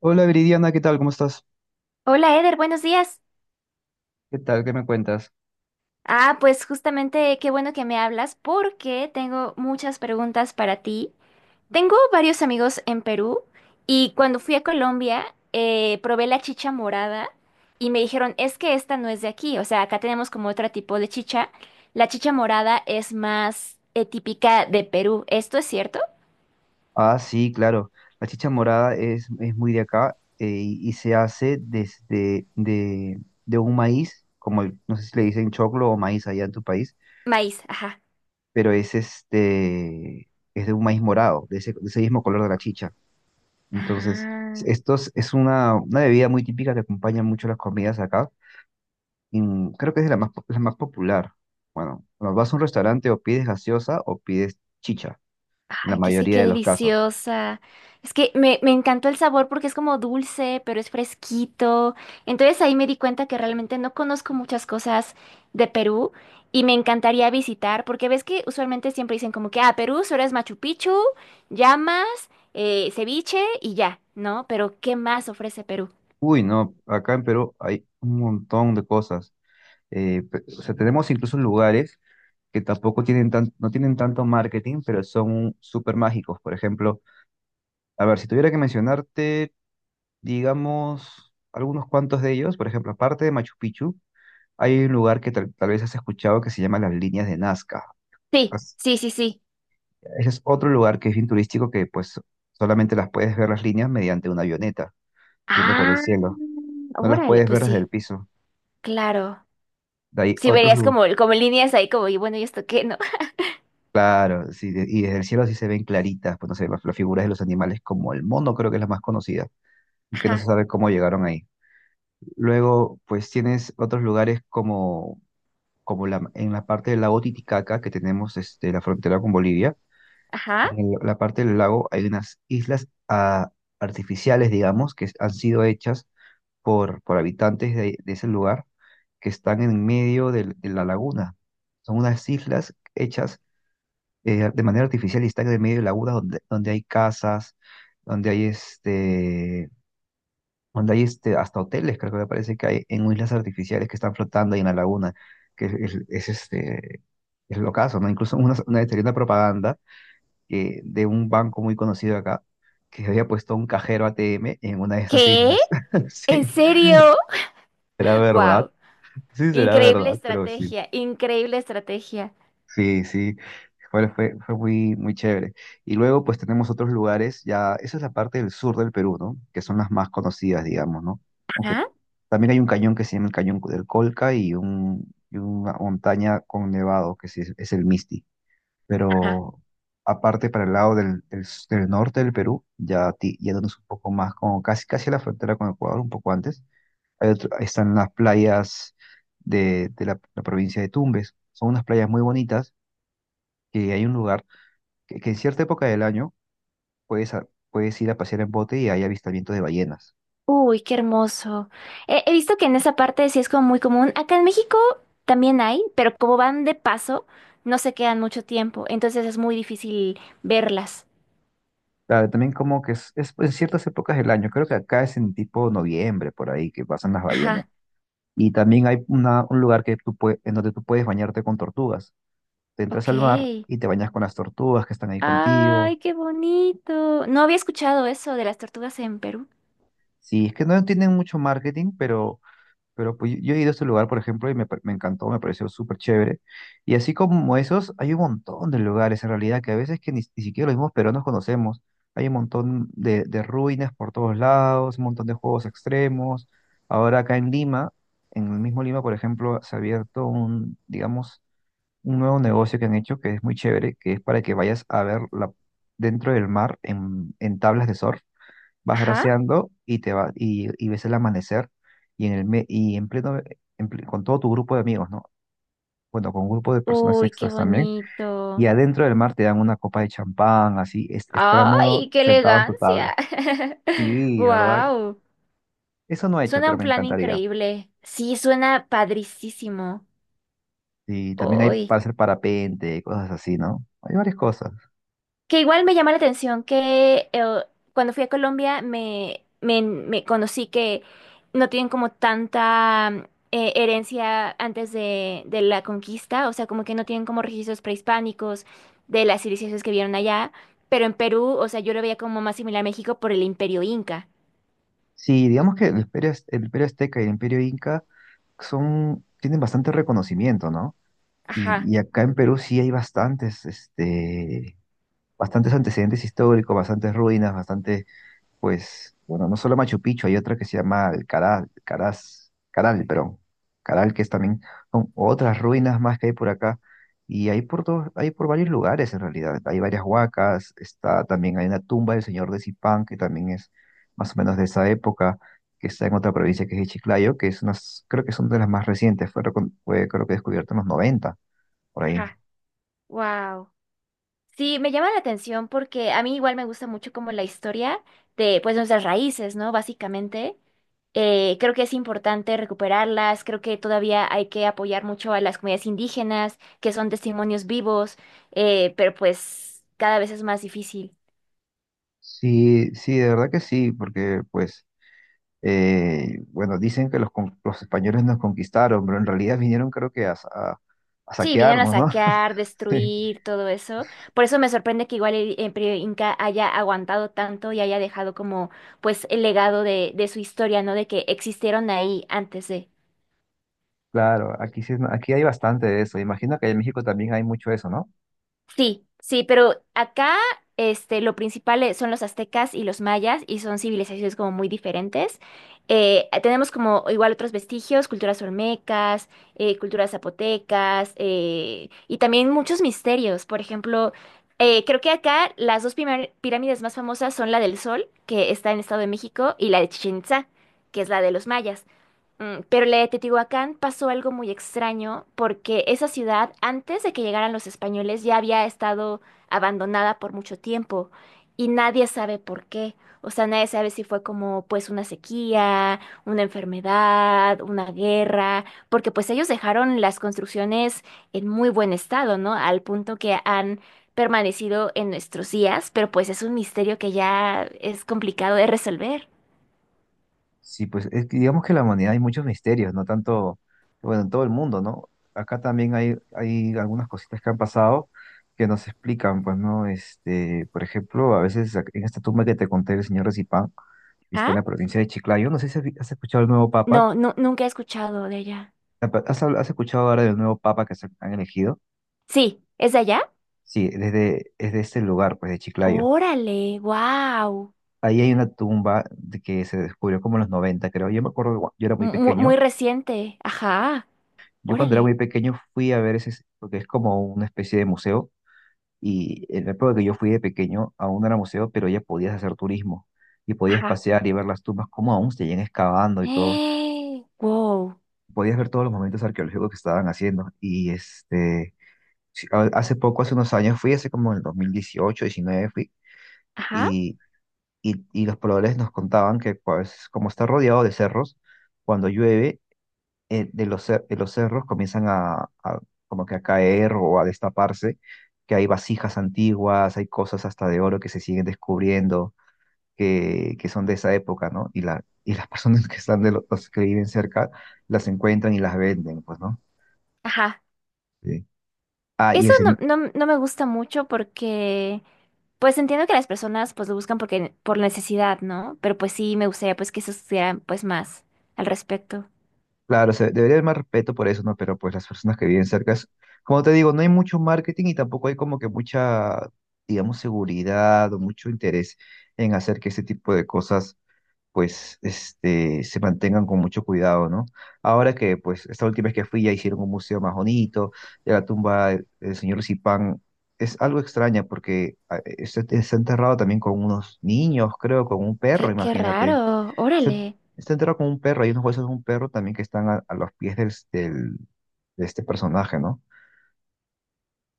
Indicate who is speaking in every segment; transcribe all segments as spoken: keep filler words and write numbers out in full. Speaker 1: Hola Viridiana, ¿qué tal? ¿Cómo estás?
Speaker 2: Hola Eder, buenos días.
Speaker 1: ¿Qué tal? ¿Qué me cuentas?
Speaker 2: Ah, pues justamente qué bueno que me hablas porque tengo muchas preguntas para ti. Tengo varios amigos en Perú y cuando fui a Colombia eh, probé la chicha morada y me dijeron, es que esta no es de aquí, o sea, acá tenemos como otro tipo de chicha. La chicha morada es más eh, típica de Perú. ¿Esto es cierto?
Speaker 1: Ah, sí, claro. La chicha morada es, es muy de acá, eh, y y se hace desde de, de un maíz, como el- no sé si le dicen choclo o maíz allá en tu país,
Speaker 2: Maíz, ajá.
Speaker 1: pero es este es de un maíz morado, de ese, de ese mismo color de la chicha. Entonces,
Speaker 2: Ah.
Speaker 1: esto es, es una, una bebida muy típica que acompaña mucho las comidas acá. Y mm, creo que es de la más, po- la más popular. Bueno, cuando vas a un restaurante o pides gaseosa o pides chicha, en la
Speaker 2: Ay, que es que
Speaker 1: mayoría
Speaker 2: qué
Speaker 1: de los casos.
Speaker 2: deliciosa. Es que me, me encantó el sabor porque es como dulce, pero es fresquito. Entonces ahí me di cuenta que realmente no conozco muchas cosas de Perú y me encantaría visitar porque ves que usualmente siempre dicen como que, ah, Perú solo es Machu Picchu, llamas, eh, ceviche y ya, ¿no? Pero ¿qué más ofrece Perú?
Speaker 1: Uy, no, acá en Perú hay un montón de cosas. Eh, pe- o sea, tenemos incluso lugares que tampoco tienen tan, no tienen tanto marketing, pero son súper mágicos. Por ejemplo, a ver, si tuviera que mencionarte, digamos, algunos cuantos de ellos, por ejemplo, aparte de Machu Picchu, hay un lugar que tal, tal vez has escuchado que se llama las líneas de Nazca.
Speaker 2: Sí,
Speaker 1: As-
Speaker 2: sí, sí, sí.
Speaker 1: Ese es otro lugar que es bien turístico, que pues solamente las puedes ver las líneas mediante una avioneta, yendo por el
Speaker 2: Ah,
Speaker 1: cielo. No las
Speaker 2: órale,
Speaker 1: puedes
Speaker 2: pues
Speaker 1: ver desde el
Speaker 2: sí,
Speaker 1: piso.
Speaker 2: claro.
Speaker 1: De ahí
Speaker 2: Sí,
Speaker 1: otros
Speaker 2: verías
Speaker 1: lugares.
Speaker 2: como, como líneas ahí como, y bueno, ¿y esto qué, no?
Speaker 1: Claro, sí, de- y desde el cielo sí se ven claritas, pues no sé, las, las figuras de los animales, como el mono, creo que es la más conocida, y que no se
Speaker 2: Ajá,
Speaker 1: sabe cómo llegaron ahí. Luego, pues tienes otros lugares como, como la, en la parte del lago Titicaca, que tenemos este, la frontera con Bolivia.
Speaker 2: ajá.
Speaker 1: En el- la parte del lago hay unas islas, ah, artificiales, digamos, que han sido hechas por, por habitantes de, de ese lugar, que están en medio del- de la laguna. Son unas islas hechas, eh, de manera artificial, y están en el medio de lagunas donde, donde hay casas, donde hay este, donde hay este, hasta hoteles, creo, que me parece que hay en islas artificiales que están flotando ahí en la laguna, que es, es- es, este, es lo caso, ¿no? Incluso una, una vez salió una propaganda que, de un banco muy conocido acá, que había puesto un cajero A T M en una de esas
Speaker 2: ¿Qué?
Speaker 1: islas.
Speaker 2: ¿En
Speaker 1: Sí,
Speaker 2: serio?
Speaker 1: será verdad,
Speaker 2: Wow.
Speaker 1: sí será
Speaker 2: Increíble
Speaker 1: verdad, pero sí.
Speaker 2: estrategia, increíble estrategia.
Speaker 1: Sí, sí, fue, fue, fue muy, muy chévere. Y luego pues tenemos otros lugares. Ya, esa es la parte del sur del Perú, ¿no? Que son las más conocidas, digamos, ¿no? Aunque
Speaker 2: Ajá,
Speaker 1: también hay un cañón que se llama el Cañón del Colca, y un, y una montaña con nevado, que sí es, es el Misti.
Speaker 2: ajá.
Speaker 1: Pero aparte para el lado del, del, s- del norte del Perú, ya ti- yéndonos un poco más, como casi, casi a la frontera con Ecuador, un poco antes, hay otro- ahí están las playas de, de la la provincia de Tumbes. Son unas playas muy bonitas, que hay un lugar que, que en cierta época del año puedes, a- puedes ir a pasear en bote y hay avistamientos de ballenas.
Speaker 2: Uy, qué hermoso. He, he visto que en esa parte sí es como muy común. Acá en México también hay, pero como van de paso, no se quedan mucho tiempo. Entonces es muy difícil verlas.
Speaker 1: Claro, también como que es, es pues, en ciertas épocas del año, creo que acá es en tipo noviembre, por ahí, que pasan las ballenas.
Speaker 2: Ajá,
Speaker 1: Y también hay una, un lugar que tú pue- en donde tú puedes bañarte con tortugas. Te entras
Speaker 2: ok.
Speaker 1: al mar y te bañas con las tortugas que están ahí contigo.
Speaker 2: Ay, qué bonito. No había escuchado eso de las tortugas en Perú.
Speaker 1: Sí, es que no tienen mucho marketing, pero Pero pues yo yo he ido a este lugar, por ejemplo, y me, pa- me encantó, me pareció súper chévere. Y así como esos, hay un montón de lugares en realidad, que a veces que ni, ni siquiera los mismos peruanos conocemos. Hay un montón de, de ruinas por todos lados, un montón de juegos extremos. Ahora acá en Lima, en el mismo Lima, por ejemplo, se ha abierto un, digamos, un nuevo negocio que han hecho, que es muy chévere, que es para que vayas a ver la, dentro del mar en, en tablas de surf vas
Speaker 2: Ajá.
Speaker 1: braceando y te va, y, y ves el amanecer, y en el me- y en pleno en ple- con todo tu grupo de amigos, ¿no? Bueno, con un grupo de personas
Speaker 2: Uy, qué
Speaker 1: extras también. Y
Speaker 2: bonito.
Speaker 1: adentro del mar te dan una copa de champán, así, es- estando
Speaker 2: ¡Ay, qué
Speaker 1: sentado en tu
Speaker 2: elegancia!
Speaker 1: tabla. Sí, la ¿verdad?
Speaker 2: ¡Wow!
Speaker 1: Eso no he hecho,
Speaker 2: Suena
Speaker 1: pero
Speaker 2: un
Speaker 1: me
Speaker 2: plan
Speaker 1: encantaría.
Speaker 2: increíble. Sí, suena padricísimo.
Speaker 1: Y también hay
Speaker 2: ¡Ay!
Speaker 1: para hacer parapente, cosas así, ¿no? Hay varias cosas.
Speaker 2: Que igual me llama la atención que eh, cuando fui a Colombia me, me, me conocí que no tienen como tanta mm, eh, herencia antes de, de la conquista, o sea, como que no tienen como registros prehispánicos de las civilizaciones que vieron allá, pero en Perú, o sea, yo lo veía como más similar a México por el imperio inca.
Speaker 1: Sí, digamos que el imperio, az- el imperio azteca y el imperio inca son, tienen bastante reconocimiento, ¿no? Y,
Speaker 2: Ajá,
Speaker 1: y acá en Perú sí hay bastantes, este, bastantes antecedentes históricos, bastantes ruinas, bastante, pues, bueno, no solo Machu Picchu, hay otra que se llama el Caral, Caraz, Caral, pero Caral, que es también, son otras ruinas más que hay por acá, y hay por todos, hay por varios lugares en realidad, hay varias huacas. Está también, hay una tumba del señor de Zipán, que también es más o menos de esa época, que está en otra provincia que es Chiclayo, que es unas, creo que son de las más recientes, fue, recon- fue creo que descubierta en los noventa por ahí.
Speaker 2: ajá. Wow. Sí, me llama la atención porque a mí igual me gusta mucho como la historia de pues nuestras raíces, ¿no? Básicamente. Eh, creo que es importante recuperarlas, creo que todavía hay que apoyar mucho a las comunidades indígenas, que son testimonios vivos, eh, pero pues cada vez es más difícil.
Speaker 1: Sí, sí, de verdad que sí, porque pues, Eh, bueno, dicen que los, con- los españoles nos conquistaron, pero en realidad vinieron creo que a, sa- a- a
Speaker 2: Sí, vinieron a
Speaker 1: saquearnos, ¿no?
Speaker 2: saquear,
Speaker 1: Sí,
Speaker 2: destruir, todo eso. Por eso me sorprende que igual el Imperio Inca haya aguantado tanto y haya dejado como pues el legado de, de su historia, ¿no? De que existieron ahí antes de...
Speaker 1: claro, aquí, sí, es- aquí hay bastante de eso. Imagino que en México también hay mucho eso, ¿no?
Speaker 2: Sí, sí, pero acá este, lo principal eh, son los aztecas y los mayas y son civilizaciones como muy diferentes. Eh, tenemos como igual otros vestigios, culturas olmecas, eh, culturas zapotecas eh, y también muchos misterios. Por ejemplo, eh, creo que acá las dos primar- pirámides más famosas son la del Sol, que está en Estado de México, y la de Chichén Itzá, que es la de los mayas. Mm, Pero la de Teotihuacán pasó algo muy extraño porque esa ciudad, antes de que llegaran los españoles, ya había estado abandonada por mucho tiempo y nadie sabe por qué. O sea, nadie sabe si fue como pues una sequía, una enfermedad, una guerra, porque pues ellos dejaron las construcciones en muy buen estado, ¿no? Al punto que han permanecido en nuestros días, pero pues es un misterio que ya es complicado de resolver.
Speaker 1: Sí, pues es que digamos que en la humanidad hay muchos misterios, no tanto, bueno, en todo el mundo, ¿no? Acá también hay, hay algunas cositas que han pasado que nos explican, pues, ¿no? Este, por ejemplo, a veces en esta tumba que te conté del señor Recipán, que está
Speaker 2: ¿Ah?
Speaker 1: en la provincia de Chiclayo, no sé si has vi- has escuchado el nuevo papa.
Speaker 2: No, no, nunca he escuchado de ella.
Speaker 1: Apa- ¿Has, habl- has escuchado ahora del nuevo papa que se han elegido?
Speaker 2: Sí, ¿es de allá?
Speaker 1: Sí, desde, desde ese lugar, pues de Chiclayo.
Speaker 2: Órale, wow.
Speaker 1: Ahí hay una tumba de que se descubrió como en los noventa, creo. Yo me acuerdo, que cua- yo era muy
Speaker 2: Muy, muy
Speaker 1: pequeño.
Speaker 2: reciente. Ajá,
Speaker 1: Yo cuando era muy
Speaker 2: órale.
Speaker 1: pequeño fui a ver ese, porque es como una especie de museo. Y en la época que yo fui de pequeño, aún no era museo, pero ya podías hacer turismo y podías
Speaker 2: Ajá.
Speaker 1: pasear y ver las tumbas, como aún se seguían excavando y todo.
Speaker 2: Eh, wow.
Speaker 1: Podías ver todos los momentos arqueológicos que estaban haciendo. Y este, sí, a- hace poco, hace unos años, fui, hace como en el dos mil dieciocho, diecinueve, fui,
Speaker 2: Ajá,
Speaker 1: y y- y los pobladores nos contaban que pues como está rodeado de cerros, cuando llueve, eh, de los, cer- de los cerros comienzan a, a como que a caer o a destaparse, que hay vasijas antiguas, hay cosas hasta de oro que se siguen descubriendo, que, que son de esa época, ¿no? Y, la, y las personas que están de los, los que viven cerca las encuentran y las venden, pues, ¿no?
Speaker 2: ajá.
Speaker 1: Sí. Ah, y
Speaker 2: Eso
Speaker 1: el,
Speaker 2: no,
Speaker 1: se-
Speaker 2: no, no me gusta mucho porque, pues entiendo que las personas pues lo buscan porque, por necesidad, ¿no? Pero pues sí, me gustaría pues que se estudiaran pues más al respecto.
Speaker 1: claro, se debería haber más respeto por eso, ¿no? Pero pues las personas que viven cerca, es- como te digo, no hay mucho marketing, y tampoco hay como que mucha, digamos, seguridad o mucho interés en hacer que ese tipo de cosas, pues, este, se mantengan con mucho cuidado, ¿no? Ahora que, pues, esta última vez que fui ya hicieron un museo más bonito. Ya la tumba del del señor Zipán es algo extraña, porque ah, eh, está está enterrado también con unos niños, creo, con un perro,
Speaker 2: Qué, qué
Speaker 1: imagínate.
Speaker 2: raro,
Speaker 1: Está,
Speaker 2: órale.
Speaker 1: está enterrado como un perro, hay unos huesos de un perro también que están a, a los pies del, del- de este personaje, ¿no?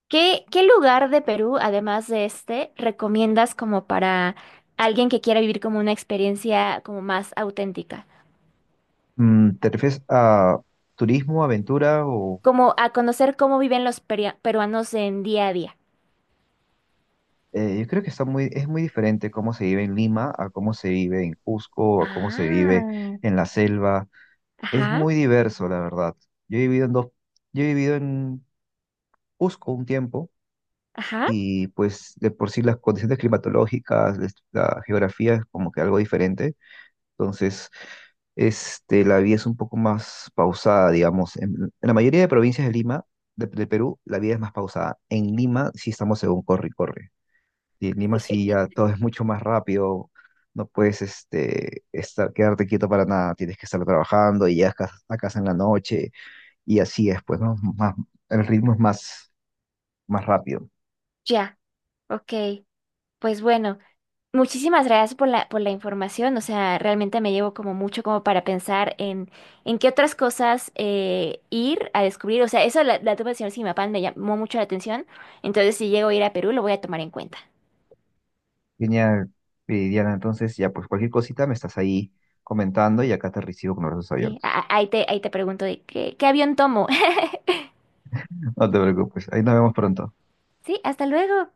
Speaker 2: ¿Qué, qué lugar de Perú, además de este, recomiendas como para alguien que quiera vivir como una experiencia como más auténtica?
Speaker 1: Mm, ¿te refieres a turismo, aventura o...?
Speaker 2: Como a conocer cómo viven los peria- peruanos en día a día.
Speaker 1: Eh, yo creo que está muy, es muy diferente cómo se vive en Lima a cómo se vive en Cusco, a cómo se vive
Speaker 2: Ah,
Speaker 1: en la selva. Es
Speaker 2: ajá,
Speaker 1: muy diverso, la verdad. Yo he vivido en dos, yo he vivido en Cusco un tiempo,
Speaker 2: ajá,
Speaker 1: y pues de por sí las condiciones climatológicas, la la geografía es como que algo diferente. Entonces, este, la vida es un poco más pausada, digamos. En, en la mayoría de provincias de Lima, de, de Perú, la vida es más pausada. En Lima sí estamos según corre y corre. Y en Lima sí ya todo es mucho más rápido. No puedes este, estar, quedarte quieto para nada. Tienes que estar trabajando y llegas a casa a casa en la noche. Y así es, pues, ¿no? Más, el ritmo es más, más rápido.
Speaker 2: ya, ok. Pues bueno. Muchísimas gracias por la, por la información. O sea, realmente me llevo como mucho como para pensar en, en qué otras cosas eh, ir a descubrir. O sea, eso la, la tuve del señor Simapán me llamó mucho la atención. Entonces, si llego a ir a Perú, lo voy a tomar en cuenta.
Speaker 1: Genial, eh, Diana. Entonces, ya, pues cualquier cosita me estás ahí comentando, y acá te recibo con los brazos
Speaker 2: Sí, a-
Speaker 1: abiertos.
Speaker 2: a- ahí te, ahí te pregunto de qué, qué avión tomo.
Speaker 1: No te preocupes, ahí nos vemos pronto.
Speaker 2: Sí, hasta luego.